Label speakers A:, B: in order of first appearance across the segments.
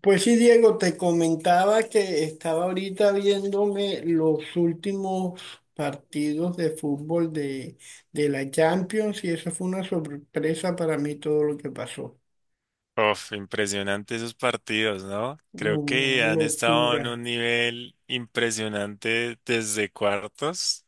A: Pues sí, Diego, te comentaba que estaba ahorita viéndome los últimos partidos de fútbol de la Champions, y eso fue una sorpresa para mí todo lo que pasó.
B: Uf, impresionante esos partidos, ¿no?
A: No,
B: Creo que
A: una
B: han estado en
A: locura.
B: un nivel impresionante desde cuartos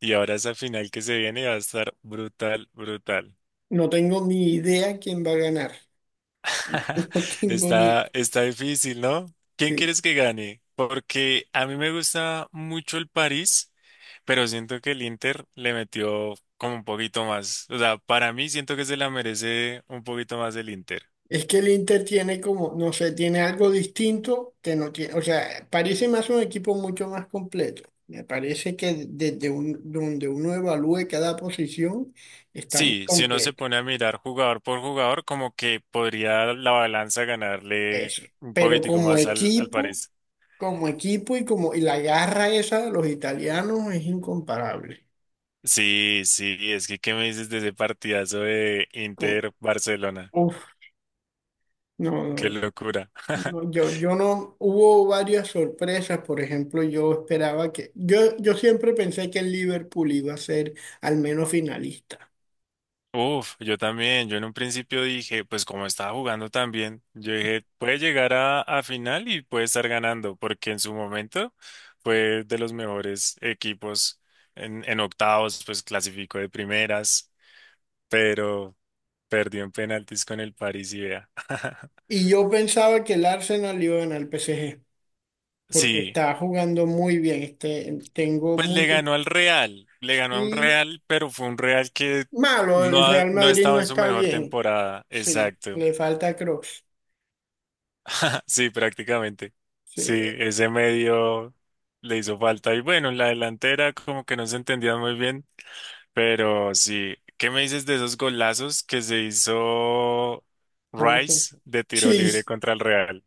B: y ahora esa final que se viene va a estar brutal, brutal.
A: No tengo ni idea quién va a ganar. No tengo ni...
B: Está difícil, ¿no? ¿Quién
A: Sí.
B: quieres que gane? Porque a mí me gusta mucho el París, pero siento que el Inter le metió como un poquito más. O sea, para mí siento que se la merece un poquito más el Inter.
A: Es que el Inter tiene como, no sé, tiene algo distinto que no tiene. O sea, parece más un equipo mucho más completo. Me parece que donde uno evalúe cada posición está muy
B: Sí, si uno se
A: completo.
B: pone a mirar jugador por jugador, como que podría la balanza ganarle
A: Eso.
B: un
A: Pero
B: poquitico más al, al París.
A: como equipo y como y la garra esa de los italianos es incomparable.
B: Sí, sí, es que ¿qué me dices de ese partidazo de
A: Cu-
B: Inter-Barcelona?
A: Uf, no, no,
B: Qué
A: no.
B: locura.
A: No, yo no, hubo varias sorpresas. Por ejemplo, yo siempre pensé que el Liverpool iba a ser al menos finalista.
B: Uf, yo también, yo en un principio dije, pues como estaba jugando tan bien, yo dije, puede llegar a final y puede estar ganando, porque en su momento fue de los mejores equipos en octavos, pues clasificó de primeras. Perdió en penaltis con el París y vea.
A: Y yo pensaba que el Arsenal iba a ganar el PSG, porque
B: Sí,
A: está jugando muy bien. Tengo
B: pues le
A: mucho,
B: ganó al Real, le ganó a un
A: sí,
B: Real, pero fue un Real que
A: malo,
B: no,
A: el Real
B: no
A: Madrid
B: estaba
A: no
B: en su
A: está
B: mejor
A: bien.
B: temporada.
A: Sí,
B: Exacto.
A: le falta Cross.
B: Sí, prácticamente.
A: Sí,
B: Sí, ese medio le hizo falta. Y bueno, en la delantera como que no se entendían muy bien, pero sí. ¿Qué me dices de esos golazos que se hizo
A: ¿cómo se?
B: Rice de tiro libre
A: Sí,
B: contra el Real?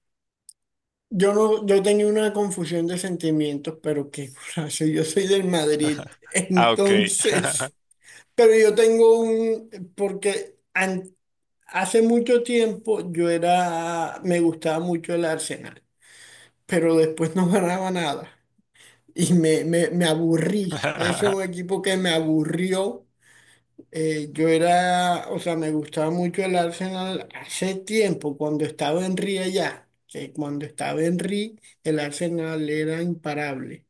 A: yo no, yo tenía una confusión de sentimientos, pero qué curazo. Yo soy del Madrid,
B: Ah, ok.
A: entonces, pero yo tengo un, porque an- hace mucho tiempo me gustaba mucho el Arsenal, pero después no ganaba nada y me aburrí, es un equipo que me aburrió. Yo era, o sea, me gustaba mucho el Arsenal hace tiempo, cuando estaba Henry allá, que cuando estaba Henry, el Arsenal era imparable.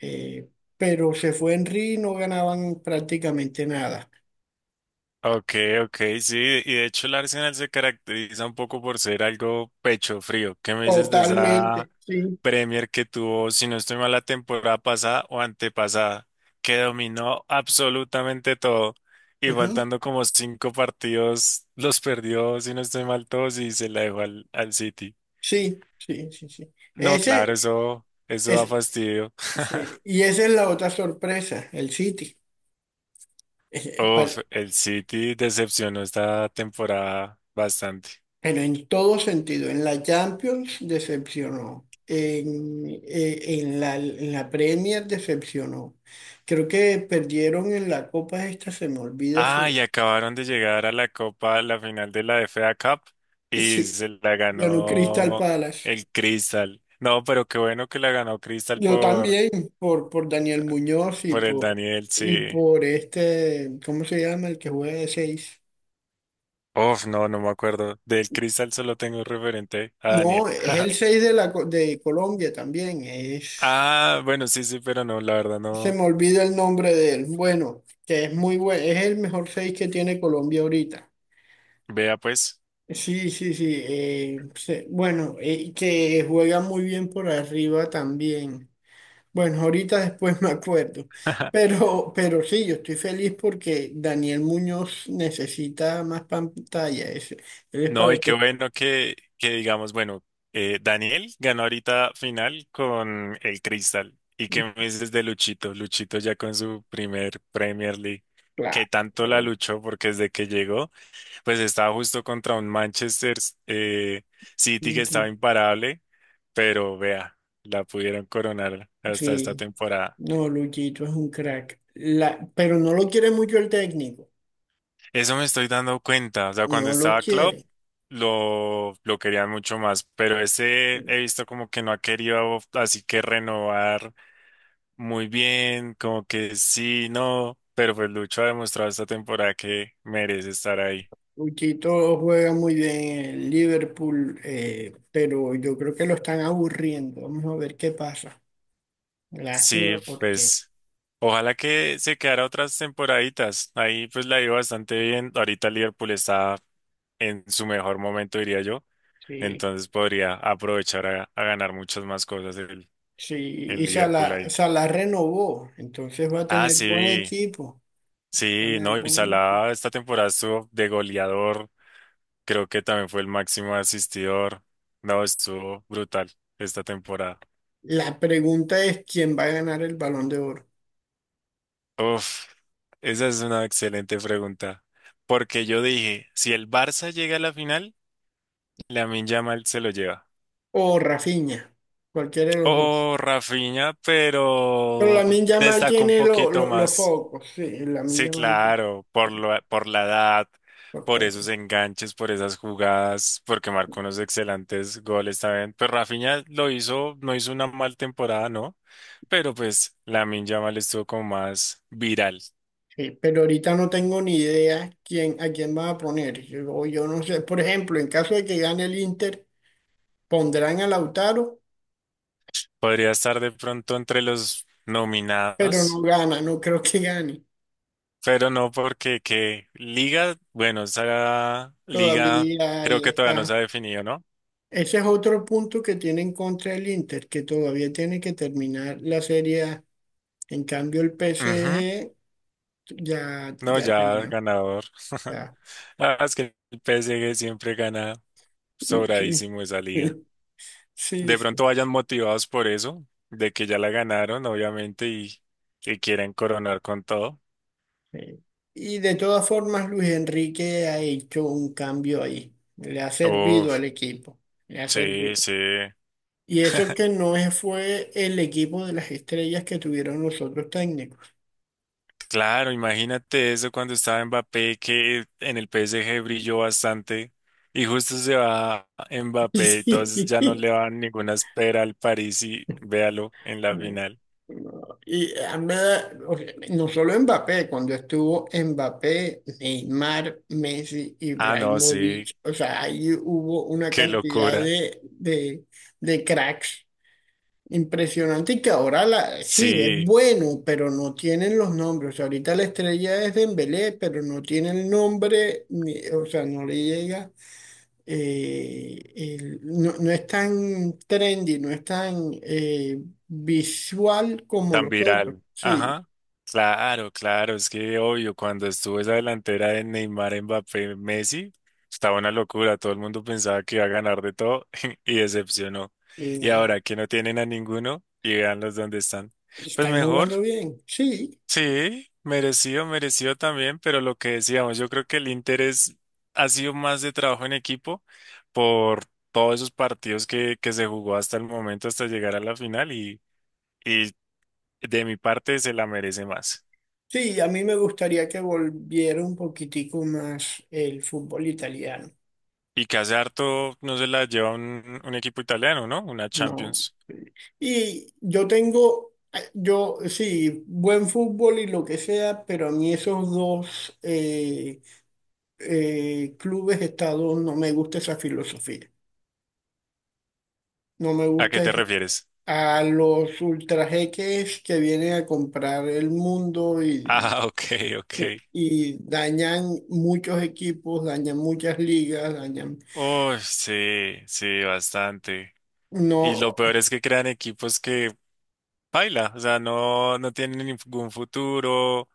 A: Eh, pero se fue Henry y no ganaban prácticamente nada.
B: Ok, ok, sí, y de hecho el Arsenal se caracteriza un poco por ser algo pecho frío. ¿Qué me dices de esa
A: Totalmente, sí.
B: Premier que tuvo, si no estoy mal, la temporada pasada o antepasada, que dominó absolutamente todo y
A: Ujú.
B: faltando como cinco partidos los perdió, si no estoy mal, todos y se la dejó al, al City?
A: Sí, sí, sí, sí.
B: No, claro,
A: Ese
B: eso da
A: es,
B: fastidio.
A: sí. Y esa es la otra sorpresa, el City.
B: Uf, el City decepcionó esta temporada bastante.
A: Pero en todo sentido, en la Champions decepcionó, en la Premier decepcionó. Creo que perdieron en la Copa esta, se me olvida
B: Ah,
A: si,
B: y acabaron de llegar a la Copa, la final de la FA Cup y
A: sí,
B: se la
A: ganó Crystal
B: ganó
A: Palace.
B: el Crystal. No, pero qué bueno que la ganó Crystal
A: Yo también, por Daniel Muñoz
B: por el Daniel, sí.
A: y por este, ¿cómo se llama? El que juega de seis.
B: Uf, no, no me acuerdo. Del Crystal solo tengo referente a
A: No,
B: Daniel.
A: es el 6 de, de Colombia también, es...
B: Ah, bueno, sí, sí, pero no, la verdad
A: Se
B: no.
A: me olvida el nombre de él. Bueno, que es muy bueno, es el mejor 6 que tiene Colombia ahorita.
B: Vea pues.
A: Sí, sí, sí. Bueno, que juega muy bien por arriba también. Bueno, ahorita después me acuerdo. Pero sí, yo estoy feliz porque Daniel Muñoz necesita más pantalla. Ese. Él es
B: No, y
A: para
B: qué
A: que...
B: bueno que digamos, bueno, Daniel ganó ahorita final con el Crystal. ¿Y qué me dices de Luchito? Luchito ya con su primer Premier League, que
A: Claro.
B: tanto la luchó porque desde que llegó, pues estaba justo contra un Manchester eh, City que estaba imparable, pero vea, la pudieron coronar hasta esta
A: Sí,
B: temporada.
A: no, Luchito es un crack. La, pero no lo quiere mucho el técnico.
B: Eso me estoy dando cuenta. O sea, cuando
A: No lo
B: estaba Club,
A: quiere.
B: lo querían mucho más. Pero ese he visto como que no ha querido así que renovar muy bien, como que sí, no. Pero pues Lucho ha demostrado esta temporada que merece estar ahí.
A: Uchito juega muy bien en el Liverpool, pero yo creo que lo están aburriendo. Vamos a ver qué pasa. Lástima
B: Sí,
A: porque
B: pues ojalá que se quedara otras temporaditas. Ahí pues la iba bastante bien. Ahorita Liverpool está en su mejor momento, diría yo.
A: sí,
B: Entonces podría aprovechar a ganar muchas más cosas
A: sí,
B: el
A: y
B: Liverpool
A: Salah,
B: ahí.
A: Salah renovó, entonces va a
B: Ah,
A: tener buen
B: sí,
A: equipo. Va a
B: sí,
A: tener
B: no, y
A: buen equipo.
B: Salah esta temporada estuvo de goleador, creo que también fue el máximo asistidor, no, estuvo brutal esta temporada.
A: La pregunta es quién va a ganar el Balón de Oro,
B: Uf, esa es una excelente pregunta, porque yo dije, si el Barça llega a la final, Lamine Yamal se lo lleva.
A: o Rafinha, cualquiera de los dos.
B: Oh, Rafinha,
A: Pero
B: pero
A: Lamine Yamal
B: destacó un
A: tiene
B: poquito
A: los
B: más.
A: focos, sí, Lamine
B: Sí,
A: Yamal tiene.
B: claro, por la edad, por esos enganches, por esas jugadas, porque marcó unos excelentes goles también. Pues Rafinha lo hizo, no hizo una mal temporada, ¿no? Pero pues Lamine Yamal estuvo como más viral.
A: Pero ahorita no tengo ni idea quién, a quién van a poner. Yo no sé. Por ejemplo, en caso de que gane el Inter, pondrán a Lautaro,
B: Podría estar de pronto entre los
A: pero no
B: nominados,
A: gana, no creo que gane.
B: pero no porque que Liga, bueno, esa Liga
A: Todavía
B: creo
A: ahí
B: que todavía no
A: está.
B: se ha definido, ¿no?
A: Ese es otro punto que tiene en contra el Inter, que todavía tiene que terminar la Serie A. En cambio, el
B: Ujú.
A: PSG ya,
B: No,
A: ya
B: ya
A: terminó.
B: ganador.
A: Ya.
B: La es que el PSG siempre gana.
A: Sí,
B: Sobradísimo esa liga.
A: sí,
B: De
A: sí.
B: pronto vayan motivados por eso, de que ya la ganaron, obviamente, y quieren coronar con todo.
A: Eh, y de todas formas, Luis Enrique ha hecho un cambio ahí. Le ha servido
B: Uf,
A: al equipo. Le ha servido.
B: sí, sí.
A: Y eso que no es- fue el equipo de las estrellas que tuvieron los otros técnicos.
B: Claro, imagínate eso cuando estaba Mbappé, que en el PSG brilló bastante, y justo se va Mbappé,
A: Sí.
B: entonces ya no le van ninguna espera al París y véalo en la
A: No,
B: final.
A: no. Y a mí o sea, no solo Mbappé, cuando estuvo Mbappé, Neymar, Messi,
B: Ah, no, sí,
A: Ibrahimovic, o sea, ahí hubo una
B: qué
A: cantidad
B: locura.
A: de cracks. Impresionante. Y que ahora la, sí, es
B: Sí,
A: bueno, pero no tienen los nombres. O sea, ahorita la estrella es Dembélé, pero no tiene el nombre, ni- o sea, no le llega. No, no es tan trendy, no es tan visual como
B: tan
A: los otros.
B: viral.
A: Sí,
B: Ajá. Claro, claro, es que obvio, cuando estuvo esa delantera de Neymar, Mbappé, Messi, estaba una locura, todo el mundo pensaba que iba a ganar de todo y decepcionó.
A: y
B: Y
A: nada.
B: ahora que no tienen a ninguno y los donde están,
A: Y
B: pues
A: están
B: mejor,
A: jugando bien. Sí,
B: sí, merecido, merecido también, pero lo que decíamos, yo creo que el Inter ha sido más de trabajo en equipo por todos esos partidos que se jugó hasta el momento, hasta llegar a la final y de mi parte se la merece más.
A: sí, a mí me gustaría que volviera un poquitico más el fútbol italiano.
B: Y que hace harto no se la lleva un equipo italiano, ¿no? Una
A: No.
B: Champions.
A: Y yo tengo, yo sí, buen fútbol y lo que sea, pero a mí esos dos clubes estados no me gusta esa filosofía. No me
B: ¿A qué
A: gusta
B: te
A: es-
B: refieres?
A: a los ultrajeques que vienen a comprar el mundo
B: Ah, ok, ok.
A: y dañan muchos equipos, dañan muchas ligas, dañan...
B: Oh, sí, sí, bastante. Y lo
A: No.
B: peor es que crean equipos que baila, o sea, no, no tienen ningún futuro, o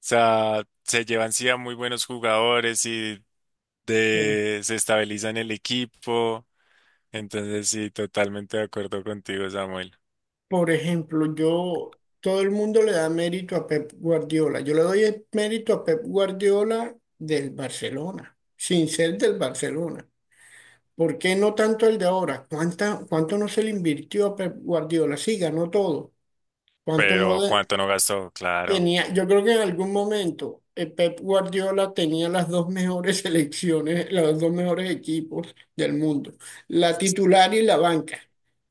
B: sea, se llevan sí a muy buenos jugadores y de, se estabilizan el equipo. Entonces, sí, totalmente de acuerdo contigo, Samuel.
A: Por ejemplo, todo el mundo le da mérito a Pep Guardiola. Yo le doy el mérito a Pep Guardiola del Barcelona, sin ser del Barcelona. ¿Por qué no tanto el de ahora? Cuánto no se le invirtió a Pep Guardiola? Sí, ganó todo. ¿Cuánto no
B: Pero ¿cuánto no gastó? Claro.
A: tenía? Yo creo que en algún momento Pep Guardiola tenía las dos mejores selecciones, los dos mejores equipos del mundo, la titular y la banca.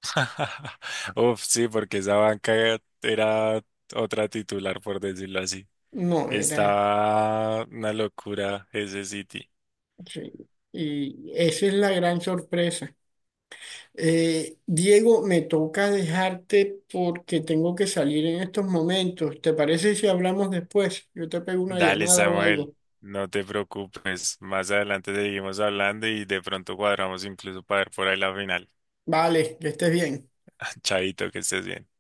B: Uf, sí, porque esa banca era otra titular, por decirlo así.
A: No, era.
B: Estaba una locura ese City.
A: Sí, y esa es la gran sorpresa. Diego, me toca dejarte porque tengo que salir en estos momentos. ¿Te parece si hablamos después? Yo te pego una
B: Dale,
A: llamada o
B: Samuel,
A: algo.
B: no te preocupes. Más adelante seguimos hablando y de pronto cuadramos incluso para ver por ahí la final.
A: Vale, que estés bien.
B: Chaito, que estés bien.